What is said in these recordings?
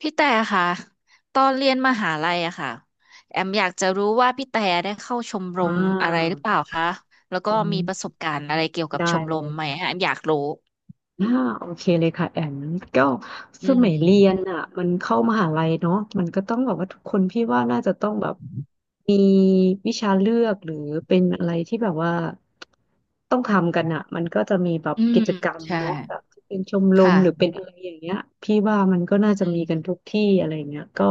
พี่แต่ค่ะตอนเรียนมหาลัยอะค่ะแอมอยากจะรู้ว่าพี่แต่ได้เข้าชมรอ่ามอะไรหรือเปล่าคะแล้วก็อืมีมประสบการณ์อะไรเกี่ยวกับได้ชมเลรมยไหมฮะแอมอยากรู้อ่าโอเคเลยค่ะแอมก็อืสมัยเรียนมอ่ะมันเข้ามหาลัยเนาะมันก็ต้องแบบว่าทุกคนพี่ว่าน่าจะต้องแบบมีวิชาเลือกหรือเป็นอะไรที่แบบว่าต้องทำกันอ่ะมันก็จะมีแบบอืกิมจกรรมใช่เนาะแบบที่เป็นชมรมหรือค่ะเป็นอะไรอย่างเงี้ยพี่ว่ามันก็น่าอืจะมีกันมทุกที่อะไรอย่างเงี้ยก็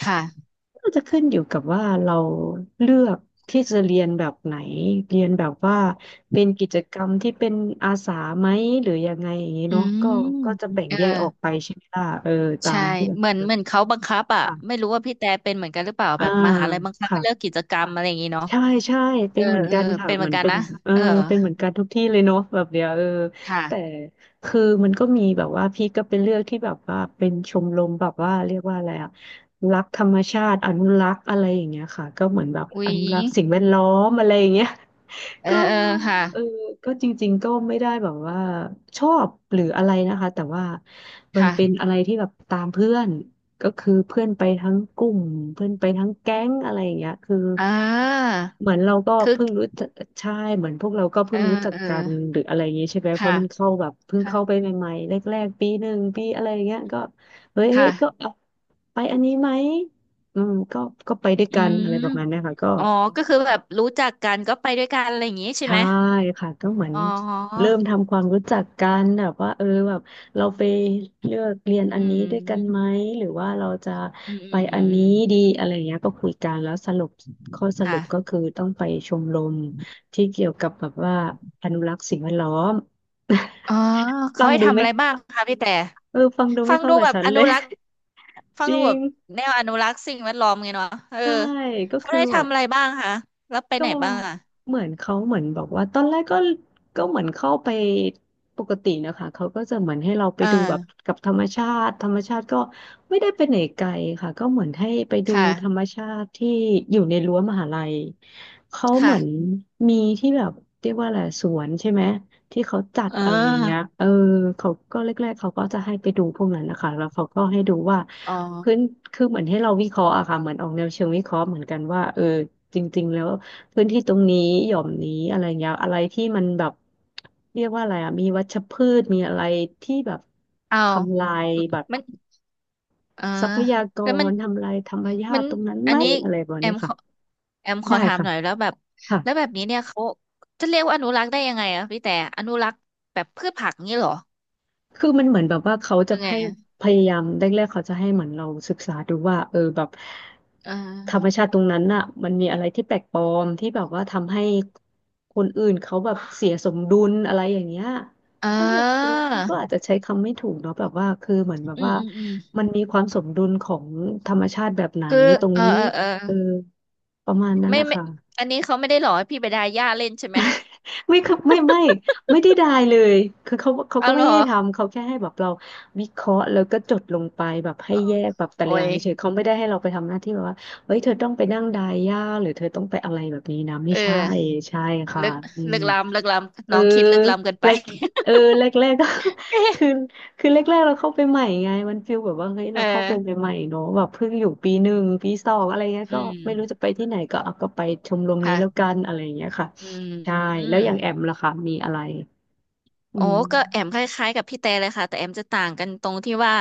ค่ะน่าจะขึ้นอยู่กับว่าเราเลือกที่จะเรียนแบบไหนเรียนแบบว่าเป็นกิจกรรมที่เป็นอาสาไหมหรือยังไงอย่างนี้อืเนาะก็มก็จะแบ่งเออแยกออกไปใช่ไหมล่ะเออตาใช่มที่แบบเหมือนเขาบังคับอะไม่ค่ะรู้ว่าพี่แต่เป็นเหมือนกันหรือเปล่าอ่าแบบมหาลัยบังคับค่ะ ให้เลิกกิจกรรมอะไรอย่างงี้เนาะใช่ใช่เอเป็นอเหมือนเออกันค่ะเป็นเหเหมืมืออนนกันเป็นนะเออเออเป็นเหมือนกันทุกที่เลยเนาะแบบเนี้ยเออค่ะแต่คือมันก็มีแบบว่าพี่ก็เป็นเรื่องที่แบบว่าเป็นชมรมแบบว่าเรียกว่าอะไรอะรักธรรมชาติอนุรักษ์อะไรอย่างเงี้ยค่ะก็เหมือนแบบอุ๊อยนุรักษ์สิ่งแวดล้อมอะไรอย่างเงี้ย เอ อก็เออค่ะเออก็จริงๆก็ไม่ได้แบบว่าชอบหรืออะไรนะคะแต่ว่ามันเป็นค่ะอะไรที่แบบตามเพื่อน ก็คือเพื่อนไปทั้งกลุ่มเพื่อนไปทั้งแก๊งอะไรอย่างเงี้ยคืออ่า เหมือนเราก็คึกเพิ่งรู้จักใช่เหมือนพวกเราก็เอเพิ่องรู้จักเออกันหรืออะไรอย่างงี้ใช่ไหมเพค่ะราะมันเข้าแบบเพิ่งค่ะเข้าไปใหม่ๆแรกๆปีหนึ่งปีอะไรอย่างเงี้ยก็เฮ้ยเฮ้ค่ะยก็เอาไปอันนี้ไหมอืมก็ก็ไปด้วยอืกันอะมไรประมาณเนี้ยค่ะก็ อ๋อก็คือแบบรู้จักกันก็ไปด้วยกันอะไรอย่างงี้ใช่ไหใช่มค่ะก็เหมือนอ๋อเริ่มทำความรู้จักกันแบบว่าเออแบบเราไปเลือกเรียนอัอืนนี้ด้วยกันไหมมหรือว่าเราจะอืมอืไปมอือัมนอืนี้ดีมอะไรเงี้ยก็คุยกันแล้วสรุปข้อสครุปก็คื่ะอต้องไปชมรมที่เกี่ยวกับแบบว่าอนุรักษ์สิ่งแวดล้อม อ๋อ เขาฟังให้ดูทำอะไม่ไรบ้างคะพี่แต่เออฟังดูฟัไม่งเข้าดูกับแบบฉันอเลนุย รักษ์ ฟัจงดูริแบงบแนวอนุรักษ์สิ่งแวดล้อมไงเนาะเออใช่ก็เขาคือได้แบบ ทำอะไรบ้างคะแล้วไปก็ไหนบ้างอ่ะเหมือนเขาเหมือนบอกว่าตอนแรกก็ก็เหมือนเข้าไปปกตินะคะเขาก็จะเหมือนให้เราไปเอดูแบบอกับธรรมชาติธรรมชาติก็ไม่ได้ไปไหนไกลค่ะก็เหมือนให้ไปดูธรรค่ะมชาติที่อยู่ในรั้วมหาลัยเขาเหมืค่ะอนมีที่แบบเรียกว่าอะไรสวนใช่ไหมที่เขาจัดเออะไรอย่างเงี้ยอเออเขาก็แรกๆเขาก็จะให้ไปดูพวกนั้นนะคะแล้วเขาก็ให้ดูว่าอ๋อพื้นคือเหมือนให้เราวิเคราะห์อะค่ะเหมือนออกแนวเชิงวิเคราะห์เหมือนกันว่าเออจริงๆแล้ว พื้นที่ตรงนี้หย่อมนี้อะไรเงี้ยอะไรที่มันแบบเรียกว่าอะไรอ่ะมีวัชพืชมีอะไรที่แบบเอทำลาายแบบมัน อ่าทรัพยากแล้วมันรทำลายธรรมชามันติตรงนั้นอัไหมนนี้อะไรแบบแอเนี้มยขค่ะอแอมขอได้ถามค่ะหน่อยแล้วแบบค่ะ แล้วแบบนี้เนี่ยเขาจะเรียกว่าอนุรักษ์ได้ยังไงอะพี่แต่อนุรักษ์แบบพืชผักงี้เหรอคือมันเหมือนแบบว่าเขาจะยังไงให้อะพยายามแรกๆเขาจะให้เหมือนเราศึกษาดูว่าเออแบบเอธรรมอชาติตรงนั้นน่ะมันมีอะไรที่แปลกปลอมที่แบบว่าทำให้คนอื่นเขาแบบเสียสมดุลอะไรอย่างเงี้ยอ่เขาเรียกเออาพี่ก็อาจจะใช้คำไม่ถูกเนาะแบบว่าคือเหมือนแบบอืมว่าอืมอืมมันมีความสมดุลของธรรมชาติแบบไหนคือตรงเออนี้เออเออเออประมาณนั้นไม่นะไม่คะ อันนี้เขาไม่ได้หรอให้พี่ไปดาหญ้าเล่นใช่ไหมไม่ครับไม่ไม่ไม่ได้ไดายเลยคือเขาเขาเอาก็เหไม่รอได้ทำเขาแค่ให้แบบเราวิเคราะห์แล้วก็จดลงไปแบบให้อ๋อแยกแบบแต่โอ้ละอย่างยเฉยๆเขาไม่ได้ให้เราไปทำหน้าที่แบบว่าเฮ้ยเธอต้องไปนั่งไดายยญาหรือเธอต้องไปอะไรแบบนี้นะไม่เอใช่อใช่ค่ะลึกอืลึม กล้ำลึกเอล้ำน้องคิดลึกล้ำเกินไป แรกเออแรกแร กก็ คือคือแรกแรกเราเข้าไปใหม่ไงมันฟีลแบบว่าเฮ้ย เราเอเข้าไปอใหม่ๆเนอะแบบเพิ่งอยู่ปีหนึ่งปีสองอะไรเงี้ยอืก็ไม่รู้จะมไปที่ไหนก็เอาก็ไปชมรมนี้แล้วกัค่ะนอะไรเงี้ยค่ะอืใช่แล้ม วอย่างแอมล่ะคะมีอะไรอืโอ้มก็แอมคล้ายๆกับพี่แต่เลยค่ะแต่แอมจะต่างกันตรงที่ว่า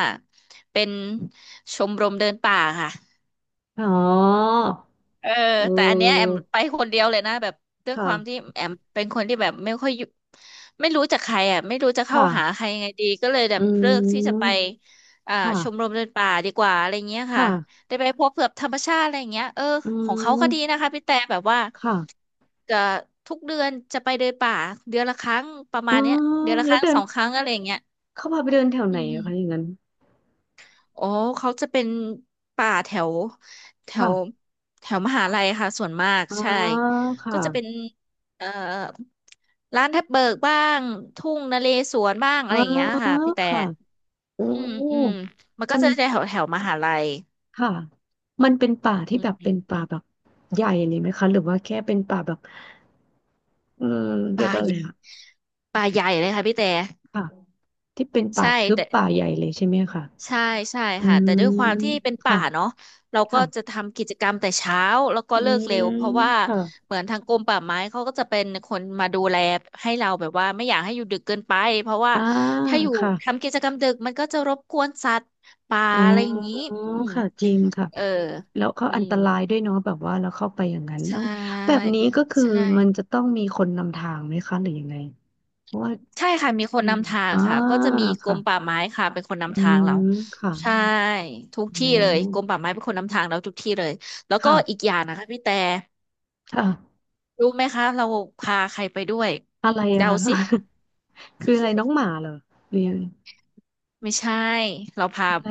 เป็นชมรมเดินป่าค่ะอ๋อเออเแต่อันเนี้ยแอมออไปคนเดียวเลยนะแบบด้วยความที่ค่ะแอมเป็นคนที่แบบไม่ค่อยอยู่ไม่รู้จักใครอ่ะไม่รู้จะเข้าค่ะหาใครยังไงดีก็เลยแบอืบเลือกที่จะไปมอ่าชมรค่ะมเดินป่าดีกว่าอะไรเงี้ยค่ะค่ะได้ไปพบกับธรรมชาติอะไรเงี้ยเอออืของเขาก็ดีมนะคะพี่แต่แบบว่าค่ะจะทุกเดือนจะไปเดินป่าเดือนละครั้งประเอมาอณเนี้ยเดือนละคแล้วรั้งเดิสนองครั้งอะไรเงี้ย เข้าพาไปเดินแถวไหอืนอะคะอย่ามงนั้นอ๋อเขาจะเป็นป่าแถวแถวค่ะแถวมหาลัยค่ะส่วนมากอ๋อใช่ค่ะ ก็จะเป็นเอ่อร้านแทบเบิกบ้างทุ่งนาเลสวนบ้างอะอ๋อไรอย่างเงี้ยค่ะพี่แต่ค่ะโอือืมมอืมมันก็มันจะแถวแถวมหาลัยค่ะ มันเป็นป่าที่อืแบบเป็นมป่าแบบใหญ่เลยไหมคะหรือว่าแค่เป็นป่าแบบเออเรียกป่าว่าอะใหไรญ่อะป่าใหญ่เลยค่ะพี่แต่ค่ะที่เป็นป่าใช่ทึบแต่ ป่าใหญ่เลยใช่ไหมคะใช่ใช่อืค่ะแต่มด้วยความที่เป็นป่าค่ะเนาะเราก็ค่ะจะทำกิจกรรมแต่เช้าแล้วก็อืเลิกมเร็วเพราะว่าค่ะเหมือนทางกรมป่าไม้เขาก็จะเป็นคนมาดูแลให้เราแบบว่าไม่อยากให้อยู่ดึกเกินไปเพราะว่าอ่าถ้าอยู่ค่ะทำกิจกรรมดึกมันก็จะรบกวนสัตว์ป่าอ๋อะไรอย่างนี้ออืมค่ะจริงค่ะเออแล้วเขาอือันมตรายด้วยเนาะแบบว่าเราเข้าไปอย่างนั้นใช่เอ้าแบบนี้ก็คือใช่ มันจะต้องมีคนนำทางไหมคะ หรือยังไงเพราะว่า ใช่ค่ะมีคอืนมนำทางอ่าค่ะก็จะมีกรค่ะมป่าไม้ค่ะเป็นคนอืนำทางเรามค่ะใช่ทุกอ๋ที่อเลยกรมป่าไม้เป็นคนนำทางเราทุกที่เลยแล้วก็ค่ะอีกอย่างนะคะพี่แต่ค่ะรู้ไหมคะเราพาใครไปด้วยอะไรอะเดาคะ สิ คืออะไรน้องหมาเหรอหรือยนไม่ใช่เราพาอะไร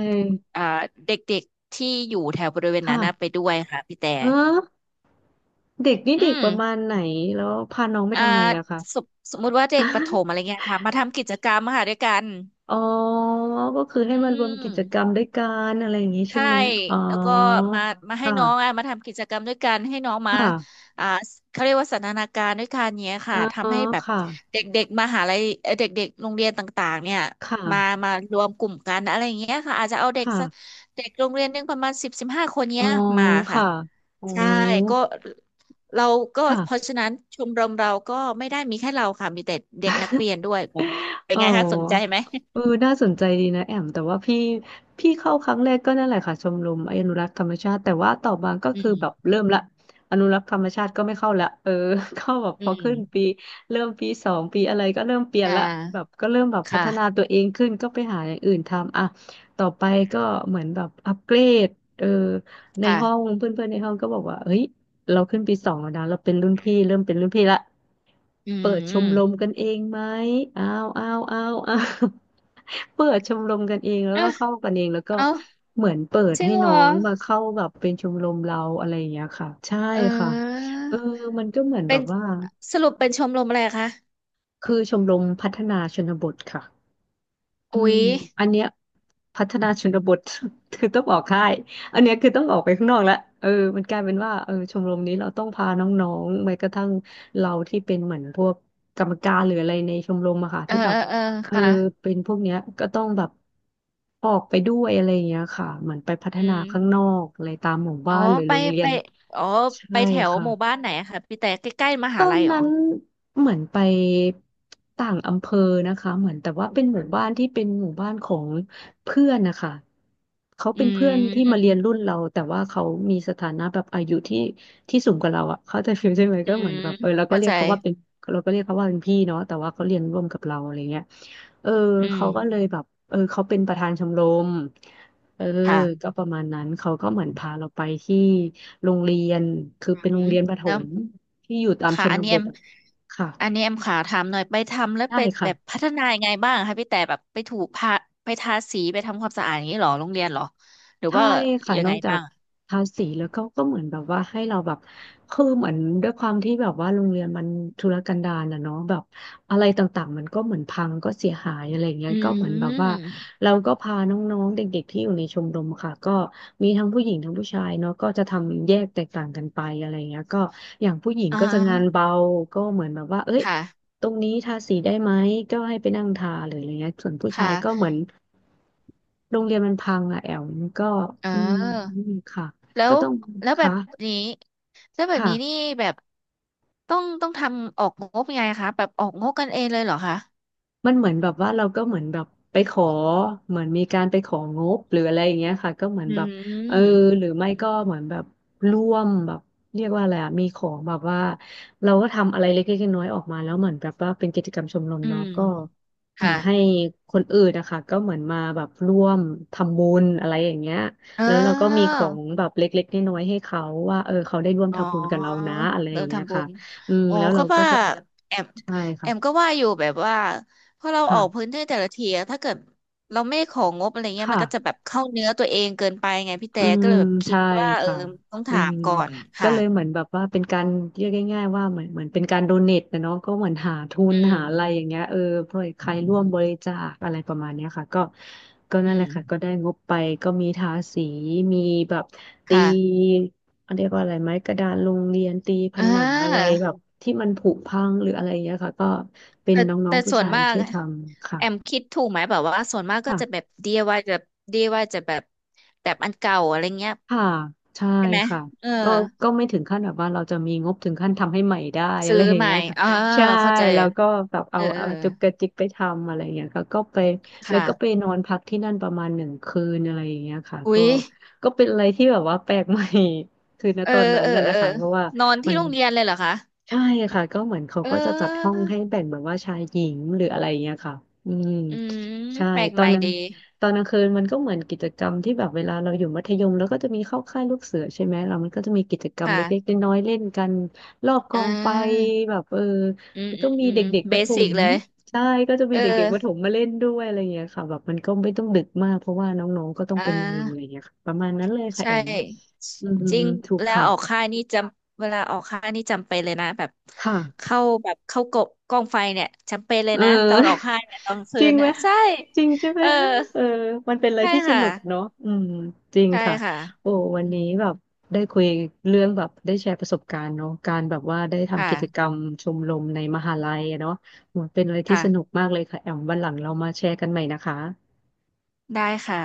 อ่าเด็กๆที่อยู่แถวบริเวณค่ะนั้นนะไปด้วยค่ะพี่แต่เออเด็กนี่อืเด็กมประมาณไหนแล้วพาน้องไปอ่าทำไมอะคะ สมสมมุติว่าเด็กประถมอะไร เงี้ยค่ะมาทำกิจกรรมค่ะด้วยกันอ๋อก็คือให้อืมารวมม กิจกรรมด้วยกันอะไรอย่างนี้ใช่ใช่ไหมอ๋อแล้วก็มาให้ค่ะน้องอ่ะมาทำกิจกรรมด้วยกันให้น้องคมา่ะอ่าเขาเรียกว่าสันทนาการด้วยกันเนี้ยอ๋ค่ะอทำให้แบบค่ะเด็กๆมหาลัยเด็กๆโรงเรียนต่างๆเนี่ยค่ะมารวมกลุ่มกันอะไรอย่างเงี้ยค่ะอาจจะเอาเด็กค่ะสักเด็กโรงเรียนหนึงประมาณ10-15 คนอ๋อเนี้ยมาค่ะค่ะอ๋อใช่ก็เราก็ค่ะ เพราะฉะนั้นชมรมเราก็ไม่ได้มีแค่เราค่ะมีแต่เด็กนักเรียนด้วย เป็นอ๋อไงคะสนใจไหมเออน่าสนใจดีนะแอมแต่ว่าพี่เข้าครั้งแรกก็นั่นแหละค่ะชมรมอนุรักษ์ธรรมชาติแต่ว่าต่อมาก็อืคือแบบมเริ่มละอนุรักษ์ธรรมชาติก็ไม่เข้าละเออ เข้าแบบอืพอขึ้มนปีเริ่มปีสองปีอะไรก็เริ่มเปลี่ยนอ่ละแบบาก็เริ่มแบบพัฒนาค่ะตัวเองขึ้นก็ไปหาอย่างอื่นทำอ่ะต่อไปก็เหมือนแบบอัปเกรดเออในห้องค่ะ เพื่อนๆในห้องก็บอกว่าเฮ้ย เราขึ้นปีสองแล้วนะเราเป็นรุ่นพี่เริ่มเป็นรุ่นพี่ละอืเปิดชมรมมกันเองไหมอ้าวอ้าวอ้าวอ้าว เปิดชมรมกันเองแล้วเอก็อเข้ากันเองแล้วก็เอาเหมือนเปิดจริงให้เหรน้อองมาเข้าแบบเป็นชมรมเราอะไรอย่างเงี้ยค่ะใช่เค่ะออเออมันก็เหมือนแบเป็นบว่าสรุปเป็นชมรมอะไรคะคือชมรมพัฒนาชนบทค่ะ อือุ๊มยอันเนี้ยพัฒนาชนบท คือต้องออกค่ายอันเนี้ยคือต้องออกไปข้างนอกแล้วเออมันกลายเป็นว่าเออชมรมนี้เราต้องพาน้องๆแม้กระทั่งเราที่เป็นเหมือนพวกกรรมการหรืออะไรในชมรมอะค่ะเออที่แบเอบอเออเออค่ะเป็นพวกเนี้ยก็ต้องแบบออกไปด้วยอะไรอย่างเงี้ยค่ะเหมือนไปพัฒอืนาข้างมนอกอะไรตามหมู่อ๋บ้าอนหรือไปโรงเรียไปนอ๋อไปใช่แถวค่ะ หมู่บ้านไหนอะคะพี่แต่ใกล้ๆมตหาอลันยเหรนั้อนเหมือนไปต่างอำเภอนะคะเหมือนแต่ว่าเป็นหมู่บ้านที่เป็นหมู่บ้านของเพื่อนนะคะเขาอืเป็นเพื่อนที่มมาเรียนรุ่นเราแต่ว่าเขามีสถานะแบบอายุที่สูงกว่าเราอ่ะเขาใจะฟิลใช่ไหมอืก็เหมือนมแบบเออเราก็เข้าเรียใจกเขาว่าเป็นเราก็เรียกเขาว่าเป็นพี่เนาะแต่ว่าเขาเรียนร่วมกับเราอะไรเงี้ยเอออืมเขาก็เลยแบบเออเขาเป็นประธานชมรมเออค่ะก็ประมาณนั้นเขาก็เหมือนพาเราไปที่โรงเรียนคืออืมเป็นโรงเรียนประถแล้ว ม ที่อยู่ตามชค่ะอันนนี้บแอทมอะค่ะอันนี้แอมขาถามหน่อยไปทำแล้วได้ไปแบบค่ะพัฒนายังไงบ้างคะพี่แต่แบบไปถูกพาไปทาสีไปทำความสะอาดอย่างนี้เหรอโรงเรียนเหรอหรือใช่ว่าค่ะยันงอไงกจาบ้ากงทาสีแล้วก็เหมือนแบบว่าให้เราแบบคือเหมือนด้วยความที่แบบว่าโรงเรียนมันทุรกันดารนะเนาะแบบอะไรต่างๆมันก็เหมือนพังก็เสียหายอะไรเงี้ยอืก็เหมือนแบบว่ามเราก็พาน้องๆเด็กๆที่อยู่ในชมรมค่ะก็มีทั้งผู้หญิงทั้งผู้ชายเนาะก็จะทำแยกแตกต่างกันไปอะไรเงี้ยก็อย่างผู้หญิงอ่ก็จะงานาเบาก็เหมือนแบบว่าเอ้ย ค่ะตรงนี้ทาสีได้ไหมก็ให้ไปนั่งทาหรืออะไรเงี้ยส่วนผู้ชาค่ะยก็เหมือนโรงเรียนมันพังอะแอลมันก็เอืมออค่ะแล้ก็วต้องแล้วแบค่ะบนี้แล้วแบบค่ะ นี้นี่แบบต้องทำออกงบยังไงคะแบบออกงบกันเองเลยเหรอคะมันเหมือนแบบว่าเราก็เหมือนแบบไปขอเหมือนมีการไปของบหรืออะไรอย่างเงี้ยค่ะก็เหมือนอืแบบเออหรืมอไม่ก็เหมือนแบบร่วมแบบเรียกว่าอะไรอะมีของแบบว่าเราก็ทำอะไรเล็กๆน้อยๆออกมาแล้วเหมือนแบบว่าเป็นกิจกรรมชมรมอืเนาะมก็เหมือค่ะนให้คนอื่นนะคะก็เหมือนมาแบบร่วมทำบุญอะไรอย่างเงี้ยเอแล้วเราก็มีของอ แบบเล็กๆน้อยๆให้เขาว่าเออเขาได้ร่วมอ๋อทำบุญกับเรานะอะไรอเราย่างเงี้ยทำบุค่ะญอืมอ๋อแล้วเราก็ก็ว่าจะแอมใช่ค่ะก็ว่าอยู่แบบว่าพอเราออกค่ะพื้นที่แต่ละทีอะถ้าเกิดเราไม่ของงบอะไรเงี้ยมัค่ะ นก็จะแบบเข้าเนื้อตัวเองเกินไปไงพี่อืแต่ก็มเลยแบบคิใช่ดว่าเออค่ะต้องอืถามมก่อนก็ค่ะเลยเหมือนแบบว่าเป็นการเรียกง่ายๆว่าเหมือนเป็นการโดเนทนะเนาะก็เหมือนหาทุอืนหามอะไรอย่างเงี้ยเออเพื่อใครร่วมบริจาคอะไรประมาณเนี้ยค่ะก็อืนั่นแหมละค่ะก็ได้งบไปก็มีทาสีมีแบบตีค่ะเรียกว่าอะไรไหมกระดานโรงเรียนตีผอ่นังอะไราแบบที่มันผุพังหรืออะไรอย่างเงี้ยค่ะก็เป็นแต่น้อแต่งๆผู้ส่วนชายมากช่วยทำค่แอมคิดถูกไหมแบบว่าส่วนมากก็ะ จะแบบ DIY แบบ DIY จะแบบแบบอันเก่าอะไรเงี้ยค่ะใช่ใช่ไหมค่ะเออ ก็ก็ไม่ถึงขั้นแบบว่าเราจะมีงบถึงขั้นทำให้ใหม่ได้ อะซื้ไรออย่างใหม่เงี้ยค่ะอ่าใช่เข้าใจแล้วก็แบบเอเอาอเอเอาอจุกกระจิกไปทำอะไรอย่างเงี้ยค่ะก็ไปแล้วก็ไปค่ะนอนพักที่นั่นประมาณหนึ่งคืนอะไรอย่างเงี้ยค่ะอุ๊ก็ยก็เป็นอะไรที่แบบว่าแปลก ใหม่ คือณเออตอนนั้เอนอน่ะเอนะอคะเพราะว่านอนมัที่นโรงเรียนเลยเหรอคะใช่ค่ะก็เหมือนเขาเก็จะจัดห้ออองให้แบ่งแบบว่าชายหญิงหรืออะไรอย่างเงี้ยค่ะอืมอืมใช่แปลกตอใหนม่นั้น ดีตอนกลางคืนมันก็เหมือนกิจกรรมที่แบบเวลาเราอยู่มัธยมแล้วก็จะมีเข้าค่ายลูกเสือใช่ไหมเรามันก็จะมีกิจกรรมเล็กค่ะๆน้อยๆเล่นกันรอบกอ่องไฟาแบบเอออืมมันอืก็มมีอืมเด็กๆปเบระถสิกมเลยใช่ก็จะเอมีอเด็กๆประถมมาเล่นด้วยอะไรอย่างเงี้ยค่ะแบบมันก็ไม่ต้องดึกมากเพราะว่าน้องๆก็ต้องอ่ไปนอนอะไรอาย่างเงี้ยค่ะประมาณนั้นเลยค่ะใช่แอมอืมจริงถูกแล้วค่ะออกค่ายนี่จำเวลาออกค่ายนี่จำเป็นเลยนะแบบค่ะ เข้าแบบเข้ากบกองไฟเนี่ยจำเป็นเลเอยอ นะตอนออกค่ายเนี่ยตอน คืจริงนไหมนะใช่จริงใช่ไหมเออเออมันเป็นอะไรใช่ที่สค่ะ นุกเนาะอืมจริงใช่ค่ะค่ะโอ้อืวันมนี้แบบได้คุยเรื่องแบบได้แชร์ประสบการณ์เนาะการแบบว่าได้ทำกิจกรค่ะรมชมรมในมหาลัยอะเนาะโอ้เป็นอะไรที่สนุกค่ะ มากเลยค่ะแอมวันหลังเรามาแชร์กันใหม่นะคะได้ค่ะ